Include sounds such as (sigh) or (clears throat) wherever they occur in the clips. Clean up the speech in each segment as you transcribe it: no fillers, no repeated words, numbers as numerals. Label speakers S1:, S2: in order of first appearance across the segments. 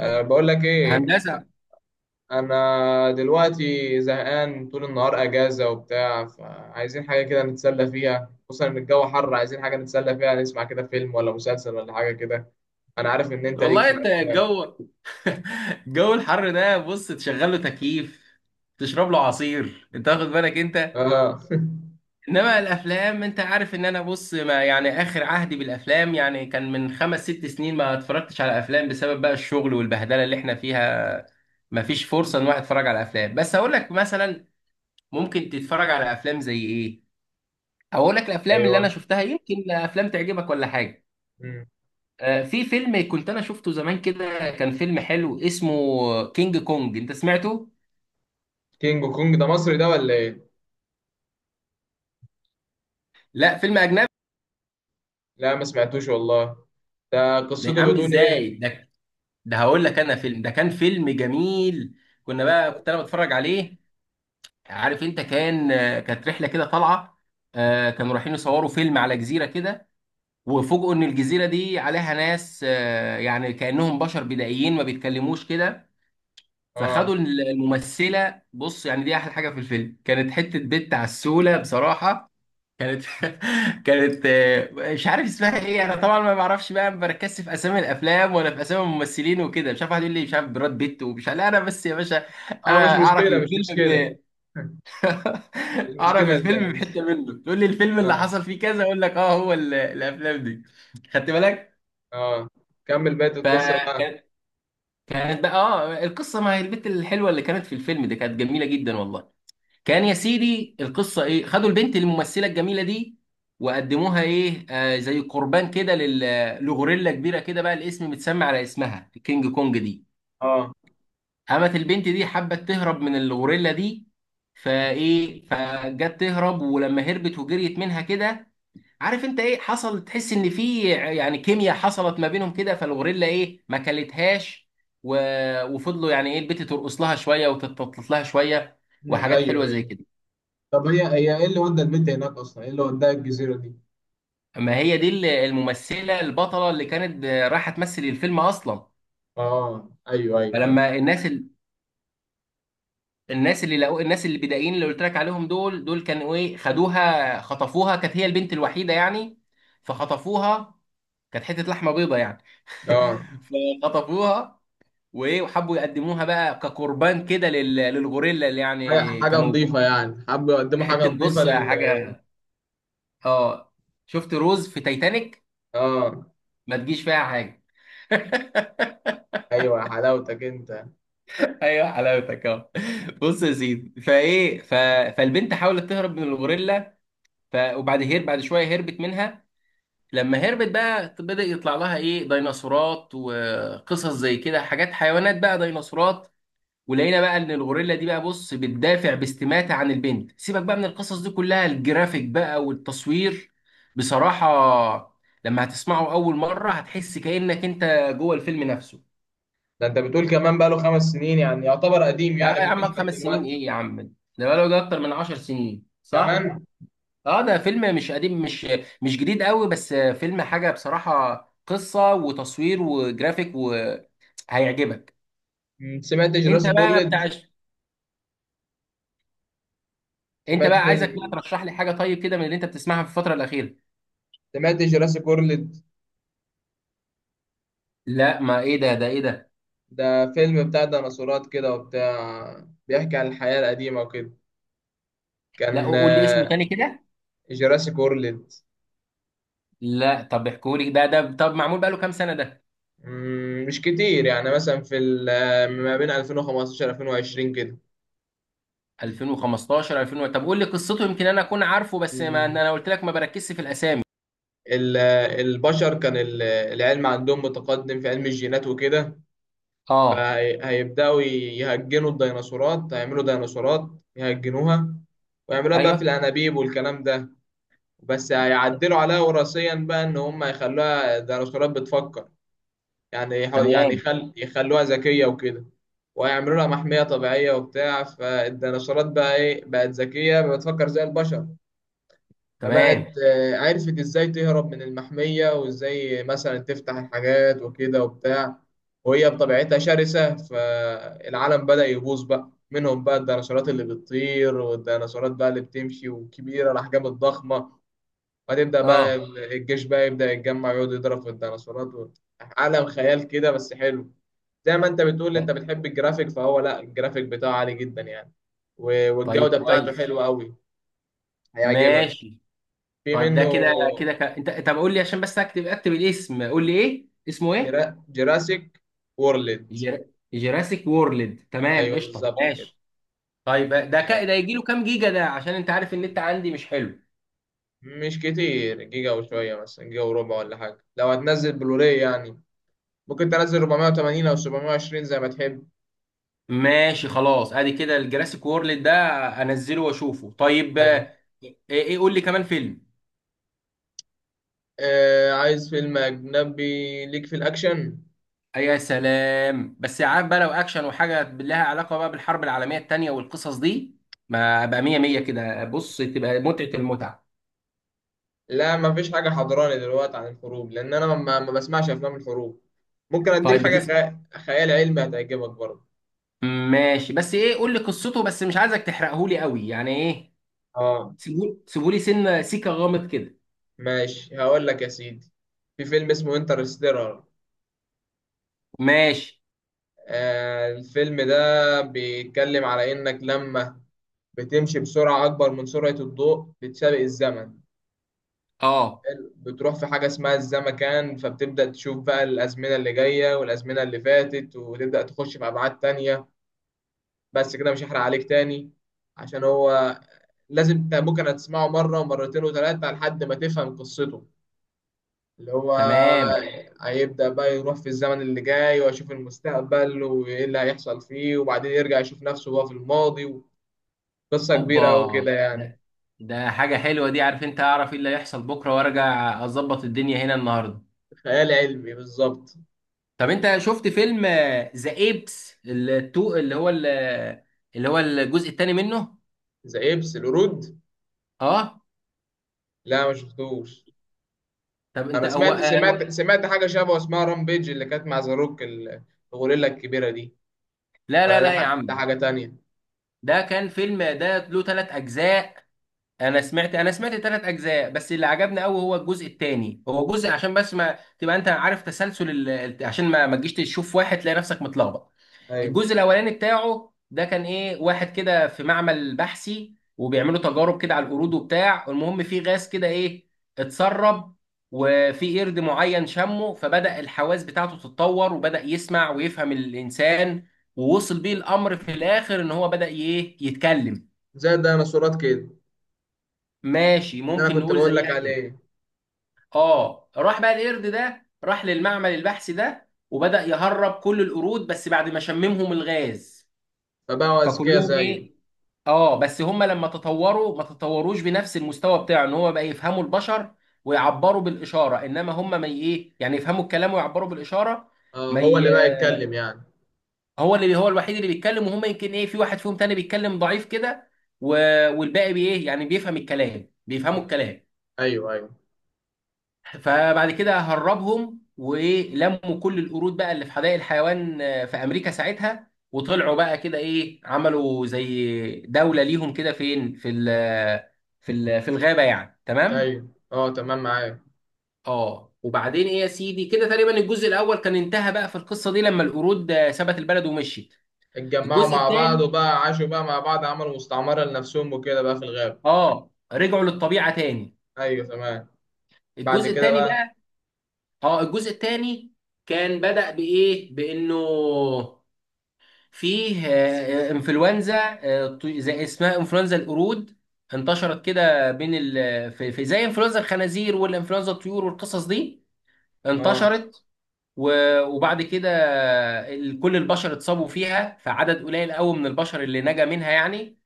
S1: بقول لك ايه.
S2: هندسه.
S1: انا دلوقتي زهقان، طول النهار اجازة وبتاع، فعايزين حاجة كده نتسلى فيها، خصوصا ان الجو حر. عايزين حاجة نتسلى فيها، نسمع كده فيلم ولا مسلسل ولا حاجة كده. انا عارف ان انت ليك
S2: والله
S1: في
S2: انت
S1: الافلام.
S2: الجو الحر ده بص تشغل له تكييف، تشرب له عصير، انت واخد بالك انت؟
S1: اه.
S2: انما الافلام، انت عارف ان انا، بص، ما يعني اخر عهدي بالافلام يعني كان من خمس ست سنين، ما اتفرجتش على افلام بسبب بقى الشغل والبهدله اللي احنا فيها. ما فيش فرصه ان واحد يتفرج على افلام، بس هقول لك مثلا ممكن تتفرج على افلام زي ايه. اقول لك
S1: (laughs)
S2: الافلام اللي انا
S1: ايوه.
S2: شفتها، يمكن افلام تعجبك ولا حاجه.
S1: مم.
S2: في فيلم كنت انا شفته زمان كده، كان فيلم حلو اسمه كينج كونج، انت سمعته؟
S1: كينج كونج ده مصري ده ولا ايه؟
S2: لا، فيلم اجنبي.
S1: لا ما سمعتوش والله. ده
S2: ده يا
S1: قصته
S2: عم
S1: بتقول
S2: ازاي
S1: ايه؟
S2: ده؟ هقول لك انا، فيلم ده كان فيلم جميل. كنا بقى كنت انا بتفرج عليه، عارف انت؟ كان كانت رحله كده طالعه، كانوا رايحين يصوروا فيلم على جزيره كده، وفوجئوا ان الجزيره دي عليها ناس، يعني كانهم بشر بدائيين ما بيتكلموش كده.
S1: اه.
S2: فخدوا الممثله، بص يعني دي احلى حاجه في الفيلم، كانت حته بنت عسوله بصراحه. كانت (laughs) كانت مش عارف اسمها ايه انا طبعا، ما بعرفش بقى، ما بركزش في اسامي الافلام ولا في اسامي الممثلين وكده. مش عارف واحد يقول لي مش عارف براد بيت ومش عارف، لا انا بس يا باشا.
S1: اه، مش
S2: انا اعرف
S1: مشكلة مش
S2: الفيلم
S1: مشكلة. (laughs)
S2: (laughs) اعرف
S1: المشكلة
S2: الفيلم
S1: اللي...
S2: بحته منه، تقول لي الفيلم اللي
S1: اه.
S2: حصل فيه كذا، اقول لك اه هو الافلام دي. خدت بالك؟
S1: اه، كمل بقية القصة بقى.
S2: فكانت، كانت بقى اه القصه، ما هي البت الحلوه اللي كانت في الفيلم ده كانت جميله جدا والله. كان يا سيدي القصه ايه، خدوا البنت الممثله الجميله دي وقدموها ايه آه زي قربان كده لغوريلا كبيره كده، بقى الاسم متسمى على اسمها الكينج كونج دي.
S1: اه.
S2: قامت البنت دي حبت تهرب من الغوريلا دي، فايه فجت تهرب، ولما هربت وجريت منها كده، عارف انت ايه حصل؟ تحس ان في يعني كيمياء حصلت ما بينهم كده، فالغوريلا ايه ما كلتهاش. و... وفضلوا يعني ايه البنت ترقص لها شويه وتتطلط لها شويه
S1: مم،
S2: وحاجات
S1: ايوه
S2: حلوه زي
S1: ايوه.
S2: كده.
S1: طب هي ايه اللي ودى البنت هناك اصلا؟ ايه اللي وداها الجزيرة دي؟
S2: ما هي دي الممثلة البطلة اللي كانت رايحة تمثل الفيلم أصلا.
S1: اه، ايوه ايوه ايوه.
S2: فلما الناس الناس اللي لقوا، الناس اللي بدائيين اللي قلت لك عليهم دول، كانوا إيه، خدوها خطفوها، كانت هي البنت الوحيدة يعني. فخطفوها، كانت حتة لحمة بيضة يعني.
S1: اه،
S2: (laughs) فخطفوها، وإيه وحبوا يقدموها بقى كقربان كده للغوريلا اللي
S1: حاجة
S2: يعني
S1: حاجة
S2: كانوا.
S1: نظيفة يعني، حابب يقدموا حاجة
S2: حتة
S1: نظيفة
S2: بص حاجة،
S1: لل...
S2: آه، شفت روز في تايتانيك؟
S1: اه،
S2: ما تجيش فيها حاجة.
S1: ايوه يا حلاوتك انت.
S2: ايوه حلاوتك اهو. بص يا سيدي، فايه فالبنت حاولت تهرب من الغوريلا. وبعد بعد شويه هربت منها. لما هربت بقى، بدأ يطلع لها ايه ديناصورات وقصص زي كده، حاجات حيوانات بقى ديناصورات. ولقينا بقى ان الغوريلا دي بقى بص بتدافع باستماتة عن البنت. سيبك بقى من القصص دي كلها، الجرافيك بقى والتصوير بصراحة، لما هتسمعه اول مرة هتحس كأنك انت جوه الفيلم نفسه.
S1: ده انت بتقول كمان بقى له خمس سنين، يعني يعتبر قديم
S2: يا
S1: يعني
S2: عم
S1: بالنسبة
S2: خمس سنين
S1: دلوقتي.
S2: ايه يا عم؟ ده بقاله ده اكتر من 10 سنين صح؟
S1: كمان.
S2: اه ده فيلم مش قديم، مش جديد قوي، بس فيلم حاجه بصراحه، قصه وتصوير وجرافيك وهيعجبك.
S1: سمعت
S2: انت
S1: جراسي
S2: بقى بتاع،
S1: كورلد.
S2: انت
S1: سمعت
S2: بقى عايزك بقى
S1: فيلم.
S2: ترشح لي حاجه طيب كده من اللي انت بتسمعها في الفتره الاخيره.
S1: سمعت جراسي كورلد.
S2: لا ما ايه ده، ايه ده؟
S1: ده فيلم بتاع ديناصورات كده وبتاع، بيحكي عن الحياة القديمة وكده.
S2: لا
S1: كان
S2: قول لي اسمه تاني كده.
S1: جراسي كورلد.
S2: لا طب احكوا لي ده، طب معمول بقاله كام سنه ده؟
S1: مش كتير يعني، مثلا في ما بين 2015 2020 كده.
S2: 2015 2000، طب قول لي قصته يمكن انا اكون عارفه، بس ما
S1: مم،
S2: انا قلت لك ما بركزش في الاسامي.
S1: ال- البشر كان العلم عندهم متقدم في علم الجينات وكده.
S2: اه
S1: فهيبدأوا يهجنوا الديناصورات، هيعملوا ديناصورات يهجنوها، ويعملوها بقى في
S2: ايوه
S1: الأنابيب والكلام ده. بس هيعدلوا عليها وراثيا بقى، إن هم يخلوها ديناصورات بتفكر. يعني يعني
S2: تمام
S1: يخلوها ذكية وكده. ويعملوا لها محمية طبيعية وبتاع. فالديناصورات بقى إيه، بقت ذكية بتفكر زي البشر. فبقت
S2: تمام.
S1: عرفت إزاي تهرب من المحمية، وإزاي مثلا تفتح الحاجات وكده وبتاع. وهي بطبيعتها شرسة، فالعالم بدأ يبوظ بقى منهم، بقى الديناصورات اللي بتطير والديناصورات بقى اللي بتمشي وكبيرة الأحجام الضخمة. فتبدأ بقى
S2: اه
S1: الجيش بقى يبدأ يتجمع، يقعد يضرب في الديناصورات و... عالم خيال كده بس حلو. زي ما انت بتقول انت بتحب الجرافيك، فهو لا، الجرافيك بتاعه عالي جدا يعني.
S2: طيب
S1: والجودة بتاعته
S2: كويس،
S1: حلوة قوي. هيعجبك.
S2: ماشي.
S1: في
S2: طيب ده
S1: منه.
S2: كده كده انت طب قول لي عشان بس اكتب، اكتب الاسم، قول لي ايه اسمه ايه.
S1: جراسيك وورلد.
S2: جرا... جراسيك وورلد، تمام
S1: ايوه
S2: قشطه
S1: بالظبط كده.
S2: ماشي. طيب ده
S1: آه،
S2: ده يجي له كام جيجا ده؟ عشان انت عارف ان انت عندي مش حلو.
S1: مش كتير، جيجا وشوية، مثلا جيجا وربع ولا حاجة. لو هتنزل بلوراي يعني، ممكن تنزل 480 او 720 زي ما تحب.
S2: ماشي خلاص ادي كده الجراسيك وورلد ده، انزله واشوفه طيب.
S1: ايوه.
S2: ايه قول لي كمان فيلم.
S1: عايز فيلم اجنبي ليك في الاكشن.
S2: أي يا سلام، بس عارف بقى لو اكشن وحاجه لها علاقه بقى بالحرب العالميه الثانيه والقصص دي، ما ابقى مية مية كده، بص تبقى متعه المتعه.
S1: لا، مفيش حاجة حضراني دلوقتي عن الحروب، لأن أنا ما بسمعش أفلام الحروب. ممكن أديك
S2: طيب
S1: حاجة
S2: بتس،
S1: خيال علمي هتعجبك برضه.
S2: ماشي، بس ايه قول لي قصته، بس مش عايزك تحرقه لي قوي يعني ايه،
S1: آه،
S2: سيبوا سيبوا لي سنه سيكه غامض كده.
S1: ماشي، هقول لك يا سيدي. في فيلم اسمه انترستيلر.
S2: ماشي،
S1: الفيلم ده بيتكلم على إنك لما بتمشي بسرعة أكبر من سرعة الضوء، بتسابق الزمن.
S2: اه
S1: حلو. بتروح في حاجة اسمها الزمكان، فبتبدأ تشوف بقى الأزمنة اللي جاية والأزمنة اللي فاتت، وتبدأ تخش في أبعاد تانية. بس كده مش هحرق عليك تاني، عشان هو لازم انت ممكن هتسمعه مرة ومرتين وثلاثة لحد ما تفهم قصته. اللي هو
S2: تمام.
S1: هيبدأ بقى يروح في الزمن اللي جاي ويشوف المستقبل وإيه اللي هيحصل فيه، وبعدين يرجع يشوف نفسه وهو في الماضي. قصة
S2: اوبا!
S1: كبيرة أوي كده يعني.
S2: ده، ده حاجه حلوه دي، عارف انت؟ اعرف ايه اللي هيحصل بكره وارجع اظبط الدنيا هنا النهارده.
S1: خيال علمي بالظبط.
S2: طب انت شفت فيلم ذا ايبس التو اللي هو اللي هو الجزء الثاني منه؟
S1: زي إبس القرود.
S2: اه.
S1: لا ما شفتوش.
S2: طب انت
S1: أنا
S2: هو
S1: سمعت
S2: هو،
S1: سمعت سمعت حاجة شبه اسمها رامبيج، اللي كانت مع زاروك الغوريلا الكبيرة دي.
S2: لا
S1: ولا
S2: لا
S1: ده
S2: لا يا عم،
S1: حاجة تانية.
S2: ده كان فيلم ده له ثلاث اجزاء. انا سمعت ثلاث اجزاء، بس اللي عجبني قوي هو الجزء الثاني، هو جزء عشان بس ما تبقى انت عارف تسلسل عشان ما تجيش تشوف واحد تلاقي نفسك متلخبط.
S1: أيوه.
S2: الجزء الاولاني بتاعه ده كان ايه واحد كده في معمل بحثي، وبيعملوا تجارب كده على القرود وبتاع، المهم في غاز كده ايه اتسرب، وفي قرد معين شمه، فبدأ الحواس بتاعته تتطور وبدأ يسمع ويفهم الإنسان. ووصل بيه الأمر في الآخر إن هو بدأ ايه يتكلم.
S1: زي الديناصورات كده،
S2: ماشي
S1: اللي أنا
S2: ممكن
S1: كنت
S2: نقول
S1: بقول لك
S2: زيها كده.
S1: عليه.
S2: اه راح بقى القرد ده راح للمعمل البحثي ده، وبدأ يهرب كل القرود بس بعد ما شممهم الغاز.
S1: فبقوا أذكياء
S2: فكلهم
S1: زيه.
S2: ايه، اه بس هم لما تطوروا ما تطوروش بنفس المستوى بتاعه، ان هو بقى يفهموا البشر ويعبروا بالاشاره، انما هم ما ي- ايه يعني يفهموا الكلام ويعبروا بالاشاره.
S1: اه،
S2: ما
S1: هو
S2: ي...
S1: اللي بقى يتكلم يعني.
S2: هو اللي هو الوحيد اللي بيتكلم، وهم يمكن ايه في واحد فيهم تاني بيتكلم ضعيف كده. و... والباقي بايه يعني بيفهم الكلام، بيفهموا
S1: مم.
S2: الكلام.
S1: ايوه ايوه
S2: فبعد كده هربهم ولموا كل القرود بقى اللي في حدائق الحيوان، في امريكا ساعتها، وطلعوا بقى كده ايه عملوا زي دولة ليهم كده، فين؟ في ال في في الغابة يعني، تمام.
S1: ايوه. اه تمام، معايا.
S2: اه وبعدين ايه يا سيدي، كده تقريبا الجزء الاول كان انتهى بقى في القصة دي لما القرود سابت البلد ومشيت.
S1: اتجمعوا
S2: الجزء
S1: مع بعض
S2: الثاني،
S1: وبقى عاشوا بقى مع بعض، عملوا مستعمرة لنفسهم وكده بقى في الغابة.
S2: اه رجعوا للطبيعة تاني.
S1: ايوه تمام. بعد
S2: الجزء
S1: كده
S2: الثاني
S1: بقى.
S2: بقى، اه الجزء الثاني كان بدأ بإيه، بإنه فيه انفلونزا، زي اسمها انفلونزا القرود، انتشرت كده بين في زي انفلونزا الخنازير والانفلونزا الطيور والقصص دي،
S1: اه.
S2: انتشرت. وبعد كده كل البشر اتصابوا فيها، فعدد قليل قوي من البشر اللي نجا منها يعني.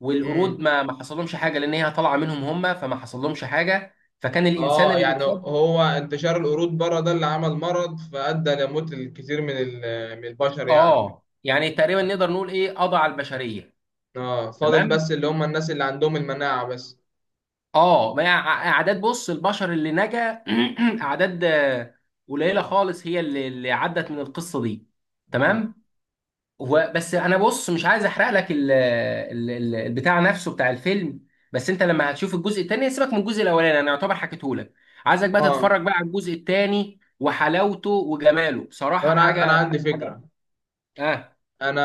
S2: والقرود
S1: امم.
S2: ما حصلهمش حاجه لان هي طالعه منهم هم، فما حصلهمش حاجه. فكان الانسان
S1: اه،
S2: اللي
S1: يعني
S2: بيتصاب،
S1: هو انتشار القرود بره ده اللي عمل مرض، فأدى لموت الكثير من من البشر يعني.
S2: اه يعني تقريبا نقدر نقول ايه قضى على البشريه.
S1: اه، فاضل
S2: تمام.
S1: بس اللي هم الناس اللي عندهم المناعة بس.
S2: اه ما هي اعداد بص البشر اللي نجا (clears throat) اعداد قليله خالص هي اللي عدت من القصه دي.
S1: مم.
S2: تمام. هو بس انا بص مش عايز احرق لك البتاع نفسه بتاع الفيلم، بس انت لما هتشوف الجزء التاني يعني سيبك من الجزء الاولاني انا يعتبر حكيته لك. عايزك بقى
S1: اه،
S2: تتفرج بقى على الجزء التاني، وحلاوته وجماله
S1: طب
S2: بصراحه
S1: انا
S2: حاجه.
S1: عندي
S2: حاجه،
S1: فكرة.
S2: اه
S1: انا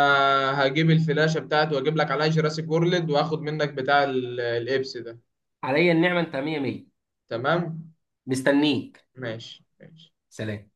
S1: هجيب الفلاشه بتاعتي واجيب لك عليها جراسيك وورلد، واخد منك بتاع الابس ده.
S2: عليا النعمه انت مية مية.
S1: تمام.
S2: مستنيك.
S1: ماشي ماشي.
S2: سلام.